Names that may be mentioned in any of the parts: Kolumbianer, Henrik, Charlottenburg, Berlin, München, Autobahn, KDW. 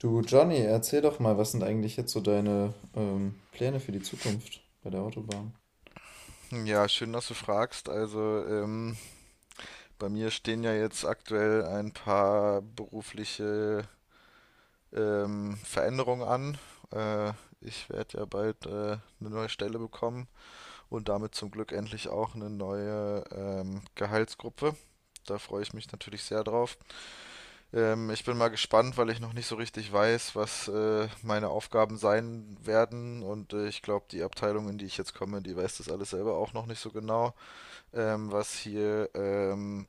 Du Johnny, erzähl doch mal, was sind eigentlich jetzt so deine Pläne für die Zukunft bei der Autobahn? Ja, schön, dass du fragst. Also, bei mir stehen ja jetzt aktuell ein paar berufliche Veränderungen an. Äh, Ich werde ja bald eine neue Stelle bekommen und damit zum Glück endlich auch eine neue Gehaltsgruppe. Da freue ich mich natürlich sehr drauf. Ich bin mal gespannt, weil ich noch nicht so richtig weiß, was meine Aufgaben sein werden. Und ich glaube, die Abteilung, in die ich jetzt komme, die weiß das alles selber auch noch nicht so genau. Was hier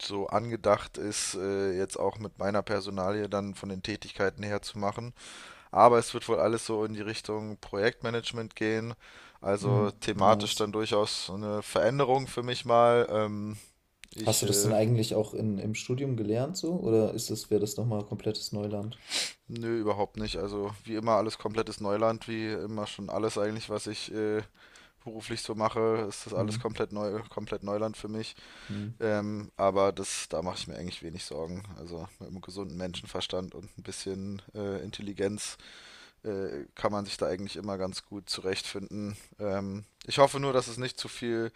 so angedacht ist, jetzt auch mit meiner Personalie dann von den Tätigkeiten her zu machen. Aber es wird wohl alles so in die Richtung Projektmanagement gehen. Also Hm, thematisch nice. dann durchaus so eine Veränderung für mich mal. Hast ich, du das denn äh, eigentlich auch im Studium gelernt so? Oder wäre das nochmal komplettes Neuland? Nö, überhaupt nicht. Also wie immer alles komplettes Neuland, wie immer schon alles eigentlich, was ich beruflich so mache, ist das alles Hm, komplett neu, komplett Neuland für mich. hm, Aber das, da mache ich mir eigentlich wenig Sorgen. Also mit einem gesunden Menschenverstand und ein bisschen Intelligenz kann man sich da eigentlich immer ganz gut zurechtfinden. Ich hoffe nur, dass es nicht zu viel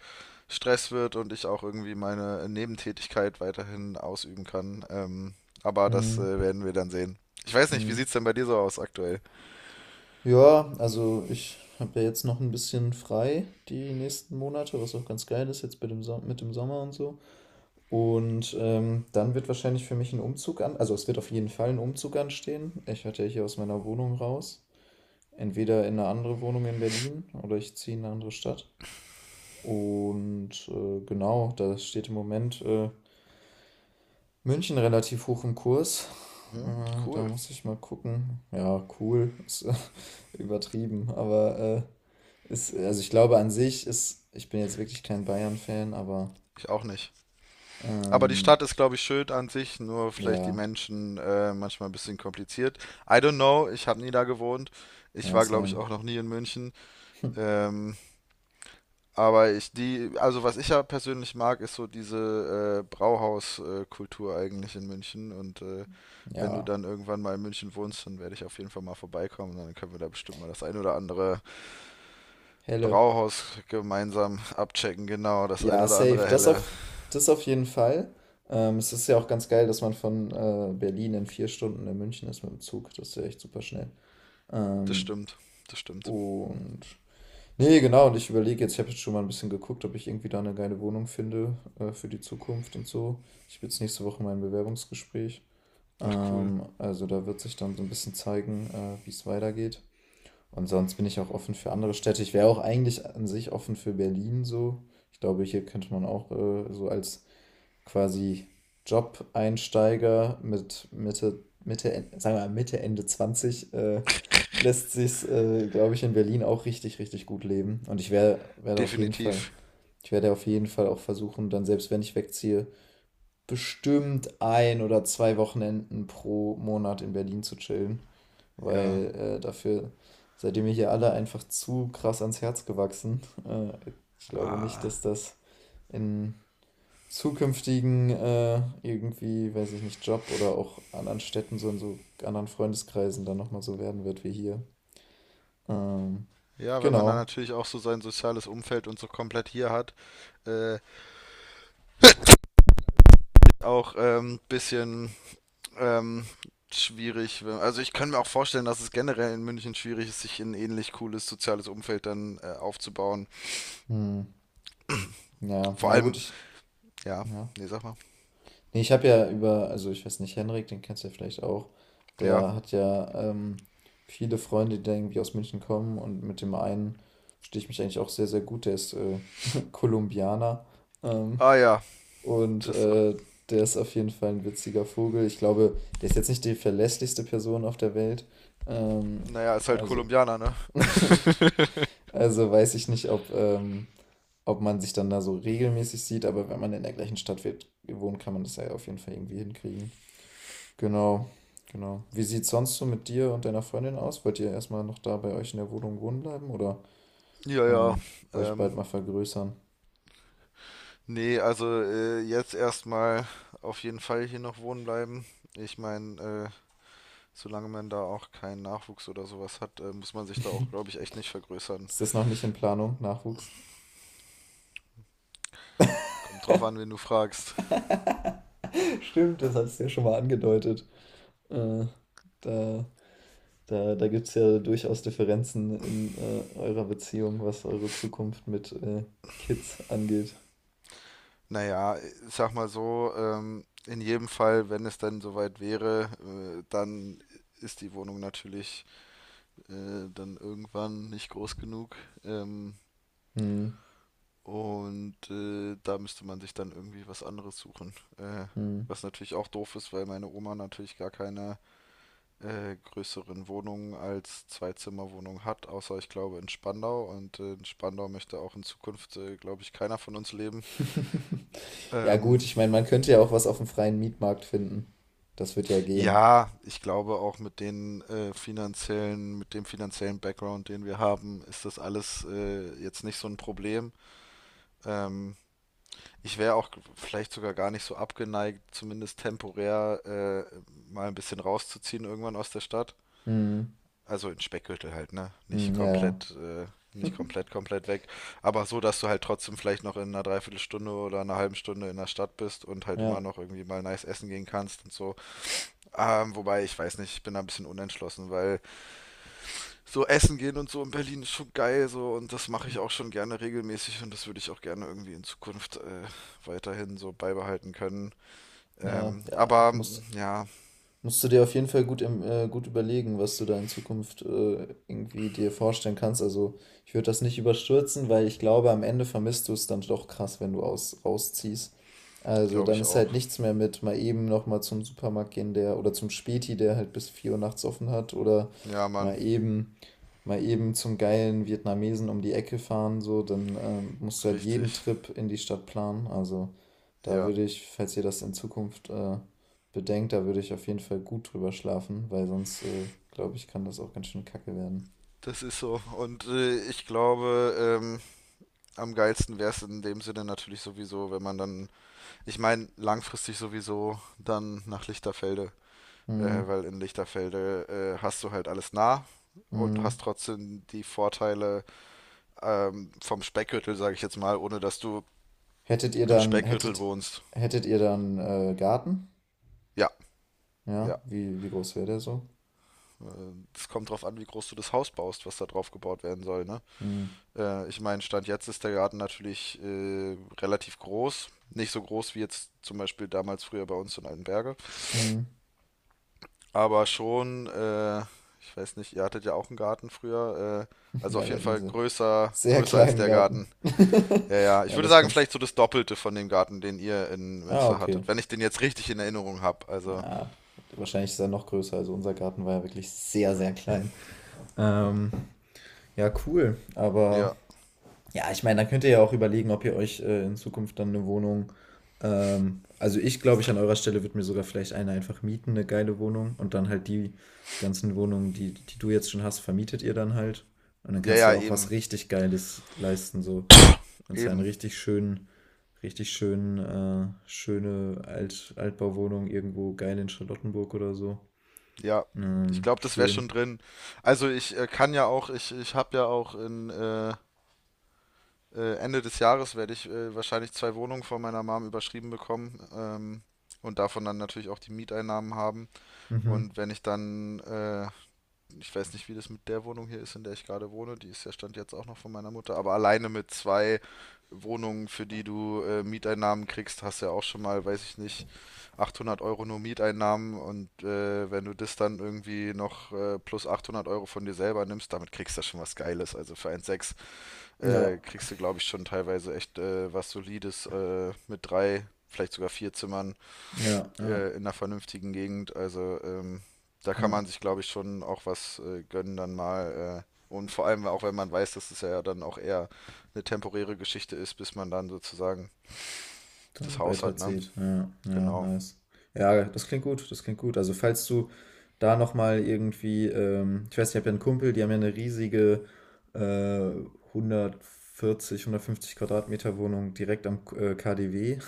Stress wird und ich auch irgendwie meine Nebentätigkeit weiterhin ausüben kann. Aber das hm, werden wir dann sehen. Ich weiß nicht, wie hm. sieht's denn bei dir so aus aktuell? Ja, also ich habe ja jetzt noch ein bisschen frei die nächsten Monate, was auch ganz geil ist jetzt mit dem Sommer und so. Und dann wird wahrscheinlich für mich also es wird auf jeden Fall ein Umzug anstehen. Ich werde ja hier aus meiner Wohnung raus, entweder in eine andere Wohnung in Berlin oder ich ziehe in eine andere Stadt. Und genau, da steht im Moment München relativ hoch im Kurs. Hm, Da cool. muss ich mal gucken. Ja, cool, ist übertrieben, aber also ich glaube ich bin jetzt wirklich kein Bayern-Fan, aber Ich auch nicht. Aber die ähm, Stadt ist, glaube ich, schön an sich, nur vielleicht die ja, Menschen manchmal ein bisschen kompliziert. I don't know, ich habe nie da gewohnt. Ich ja, war, glaube ich, Sam, auch noch nie in München. Ähm, aber ich, die, also was ich ja persönlich mag, ist so diese Brauhauskultur eigentlich in München. Und wenn du ja, dann irgendwann mal in München wohnst, dann werde ich auf jeden Fall mal vorbeikommen. Dann können wir da bestimmt mal das ein oder andere Helle. Brauhaus gemeinsam abchecken. Genau, das ein Ja, oder safe. andere helle. Das auf jeden Fall. Es ist ja auch ganz geil, dass man von Berlin in 4 Stunden in München ist mit dem Zug. Das ist ja echt super schnell. Das Ähm, stimmt, das stimmt. und. Nee, genau. Und ich überlege jetzt, ich habe jetzt schon mal ein bisschen geguckt, ob ich irgendwie da eine geile Wohnung finde für die Zukunft und so. Ich habe jetzt nächste Woche mein Bewerbungsgespräch. Ach cool, Also da wird sich dann so ein bisschen zeigen, wie es weitergeht. Und sonst bin ich auch offen für andere Städte. Ich wäre auch eigentlich an sich offen für Berlin so. Ich glaube, hier könnte man auch so als quasi Job-Einsteiger mit sagen wir mal Mitte, Ende 20 lässt sich's, glaube ich, in Berlin auch richtig, richtig gut leben. Und werde auf jeden Fall, definitiv. ich werde auf jeden Fall auch versuchen, dann selbst wenn ich wegziehe, bestimmt 1 oder 2 Wochenenden pro Monat in Berlin zu chillen, Ja. weil dafür seid ihr mir hier alle einfach zu krass ans Herz gewachsen. Äh, ich glaube nicht, Ah. dass das in zukünftigen irgendwie, weiß ich nicht, Job oder auch anderen Städten, so in so anderen Freundeskreisen dann nochmal so werden wird wie hier. Ähm, Ja, wenn man dann genau. natürlich auch so sein soziales Umfeld und so komplett hier hat, äh, auch bisschen ähm, schwierig. Also ich kann mir auch vorstellen, dass es generell in München schwierig ist, sich ein ähnlich cooles soziales Umfeld dann aufzubauen. Hm. Ja, Vor ja gut, allem, ja, ja. nee, sag mal. Nee, ich habe ja also ich weiß nicht, Henrik, den kennst du ja vielleicht auch, Ja. der hat ja viele Freunde, die da irgendwie aus München kommen und mit dem einen verstehe ich mich eigentlich auch sehr, sehr gut, der ist Kolumbianer. Ähm, Ah ja, Und das ist doch. Der ist auf jeden Fall ein witziger Vogel. Ich glaube, der ist jetzt nicht die verlässlichste Person auf der Welt. Ähm, Naja, ist halt also, Kolumbianer, ne? also weiß ich nicht, ob man sich dann da so regelmäßig sieht, aber wenn man in der gleichen wohnt, kann man das ja auf jeden Fall irgendwie hinkriegen. Genau, genau. Wie sieht es sonst so mit dir und deiner Freundin aus? Wollt ihr erstmal noch da bei euch in der Wohnung wohnen bleiben oder Ja, ja. ähm, euch bald Ähm, mal vergrößern? Nee, also jetzt erstmal auf jeden Fall hier noch wohnen bleiben. Ich meine, solange man da auch keinen Nachwuchs oder sowas hat, muss man sich da auch, glaube ich, echt nicht vergrößern. Ist das noch nicht in Planung, Nachwuchs? Kommt drauf an, wen du fragst. Stimmt, das hast du ja schon mal angedeutet. Äh, da da gibt es ja durchaus Differenzen in eurer Beziehung, was eure Zukunft mit Kids angeht. Naja, ich sag mal so, in jedem Fall, wenn es dann soweit wäre, dann ist die Wohnung natürlich dann irgendwann nicht groß genug. Ähm, Hm, und da müsste man sich dann irgendwie was anderes suchen. Hm. Was natürlich auch doof ist, weil meine Oma natürlich gar keine größeren Wohnungen als Zwei-Zimmer-Wohnung hat, außer ich glaube in Spandau. Und in Spandau möchte auch in Zukunft, glaube ich, keiner von uns leben. Ja Ähm, gut, ich meine, man könnte ja auch was auf dem freien Mietmarkt finden. Das wird ja gehen. ja, ich glaube auch mit den finanziellen, mit dem finanziellen Background, den wir haben, ist das alles jetzt nicht so ein Problem. Ähm, Ich wäre auch vielleicht sogar gar nicht so abgeneigt, zumindest temporär äh, mal ein bisschen rauszuziehen irgendwann aus der Stadt. Hm, Also in Speckgürtel halt, ne? Nicht hm, ja, ja, komplett, nicht komplett, komplett weg. Aber so, dass du halt trotzdem vielleicht noch in einer Dreiviertelstunde oder einer halben Stunde in der Stadt bist und halt immer ja, noch irgendwie mal nice essen gehen kannst und so. Wobei, ich weiß nicht, ich bin da ein bisschen unentschlossen, weil so essen gehen und so in Berlin ist schon geil so und das mache ich auch schon gerne regelmäßig und das würde ich auch gerne irgendwie in Zukunft weiterhin so beibehalten können. ja, ja, Aber muss. ja, Musst du dir auf jeden Fall gut überlegen, was du da in Zukunft irgendwie dir vorstellen kannst. Also ich würde das nicht überstürzen, weil ich glaube, am Ende vermisst du es dann doch krass, wenn du rausziehst. Also glaube dann ich ist auch. halt nichts mehr mit mal eben nochmal zum Supermarkt gehen, der oder zum Späti, der halt bis 4 Uhr nachts offen hat oder Ja, Mann, mal eben mal eben zum geilen Vietnamesen um die Ecke fahren, so, dann musst du halt richtig. jeden Trip in die Stadt planen. Also da Ja. würde ich, falls ihr das in Zukunft bedenkt, da würde ich auf jeden Fall gut drüber schlafen, weil sonst, glaube ich, kann das auch ganz schön kacke werden. Das ist so. Und ich glaube, am geilsten wäre es in dem Sinne natürlich sowieso, wenn man dann, ich meine, langfristig sowieso dann nach Lichterfelde, Hm, weil in Lichterfelde hast du halt alles nah und hm. hast trotzdem die Vorteile vom Speckgürtel, sage ich jetzt mal, ohne dass du Hättet ihr im dann, Speckgürtel hättet, wohnst. hättet ihr dann Garten? Ja, ja. Ja, wie, wie groß wäre der so? Es kommt drauf an, wie groß du das Haus baust, was da drauf gebaut werden soll, ne? Hm, Ich meine, Stand jetzt ist der Garten natürlich relativ groß. Nicht so groß wie jetzt zum Beispiel damals früher bei uns in Altenberge. hm. Aber schon, ich weiß nicht, ihr hattet ja auch einen Garten früher. Also auf Na, wir jeden hätten Fall sie. größer, Sehr größer als kleinen der Garten. Garten. Ja, ja. Ich Ja, würde das sagen, kannst. vielleicht so das Doppelte von dem Garten, den ihr in Ah, Münster okay. hattet. Wenn ich den jetzt richtig in Erinnerung habe. Also, Ja, wahrscheinlich ist er noch größer. Also unser Garten war ja wirklich sehr, sehr klein. Ähm, ja, cool. Aber ja. ja, ich meine, dann könnt ihr ja auch überlegen, ob ihr euch in Zukunft dann eine Wohnung. Also ich an eurer Stelle würde mir sogar vielleicht eine einfach mieten, eine geile Wohnung. Und dann halt die ganzen Wohnungen, die du jetzt schon hast, vermietet ihr dann halt. Und dann Ja, kannst du ja, ja auch was eben. richtig Geiles leisten. So, kannst ja einen Eben. Richtig schönen, Altbauwohnung irgendwo geil in Charlottenburg oder so. Ja. Ich glaube, das wäre Schön. schon drin. Also ich kann ja auch, ich habe ja auch Ende des Jahres werde ich wahrscheinlich zwei Wohnungen von meiner Mom überschrieben bekommen, und davon dann natürlich auch die Mieteinnahmen haben. Mhm. Und wenn ich dann, ich weiß nicht, wie das mit der Wohnung hier ist, in der ich gerade wohne, die ist ja stand jetzt auch noch von meiner Mutter, aber alleine mit zwei Wohnungen, für die du Mieteinnahmen kriegst, hast ja auch schon mal, weiß ich nicht, 800 Euro nur Mieteinnahmen und wenn du das dann irgendwie noch plus 800 Euro von dir selber nimmst, damit kriegst du ja schon was Geiles. Also für 1,6 Ja, kriegst du, glaube ich, schon teilweise echt was Solides mit drei, vielleicht sogar vier Zimmern ja, ja, in einer vernünftigen Gegend. Also da kann ja. man sich, glaube ich, schon auch was gönnen dann mal. Und vor allem auch, wenn man weiß, dass es ja dann auch eher eine temporäre Geschichte ist, bis man dann sozusagen das Dann Haus hat, ne? weiterzieht. Ja, ja, Genau. nice. Ja, das klingt gut, das klingt gut. Also falls du da nochmal irgendwie, ich weiß, ich habe ja einen Kumpel, die haben ja eine riesige äh, 140, 150 Quadratmeter Wohnung direkt am KDW.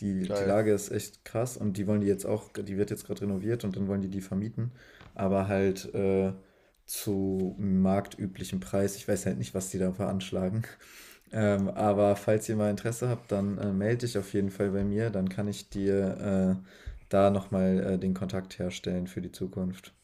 Die Geil. Lage ist echt krass und die wollen die jetzt auch, die wird jetzt gerade renoviert und dann wollen die die vermieten, aber halt zu marktüblichem Preis. Ich weiß halt nicht, was die da veranschlagen. Aber falls ihr mal Interesse habt, dann melde dich auf jeden Fall bei mir. Dann kann ich dir da nochmal den Kontakt herstellen für die Zukunft.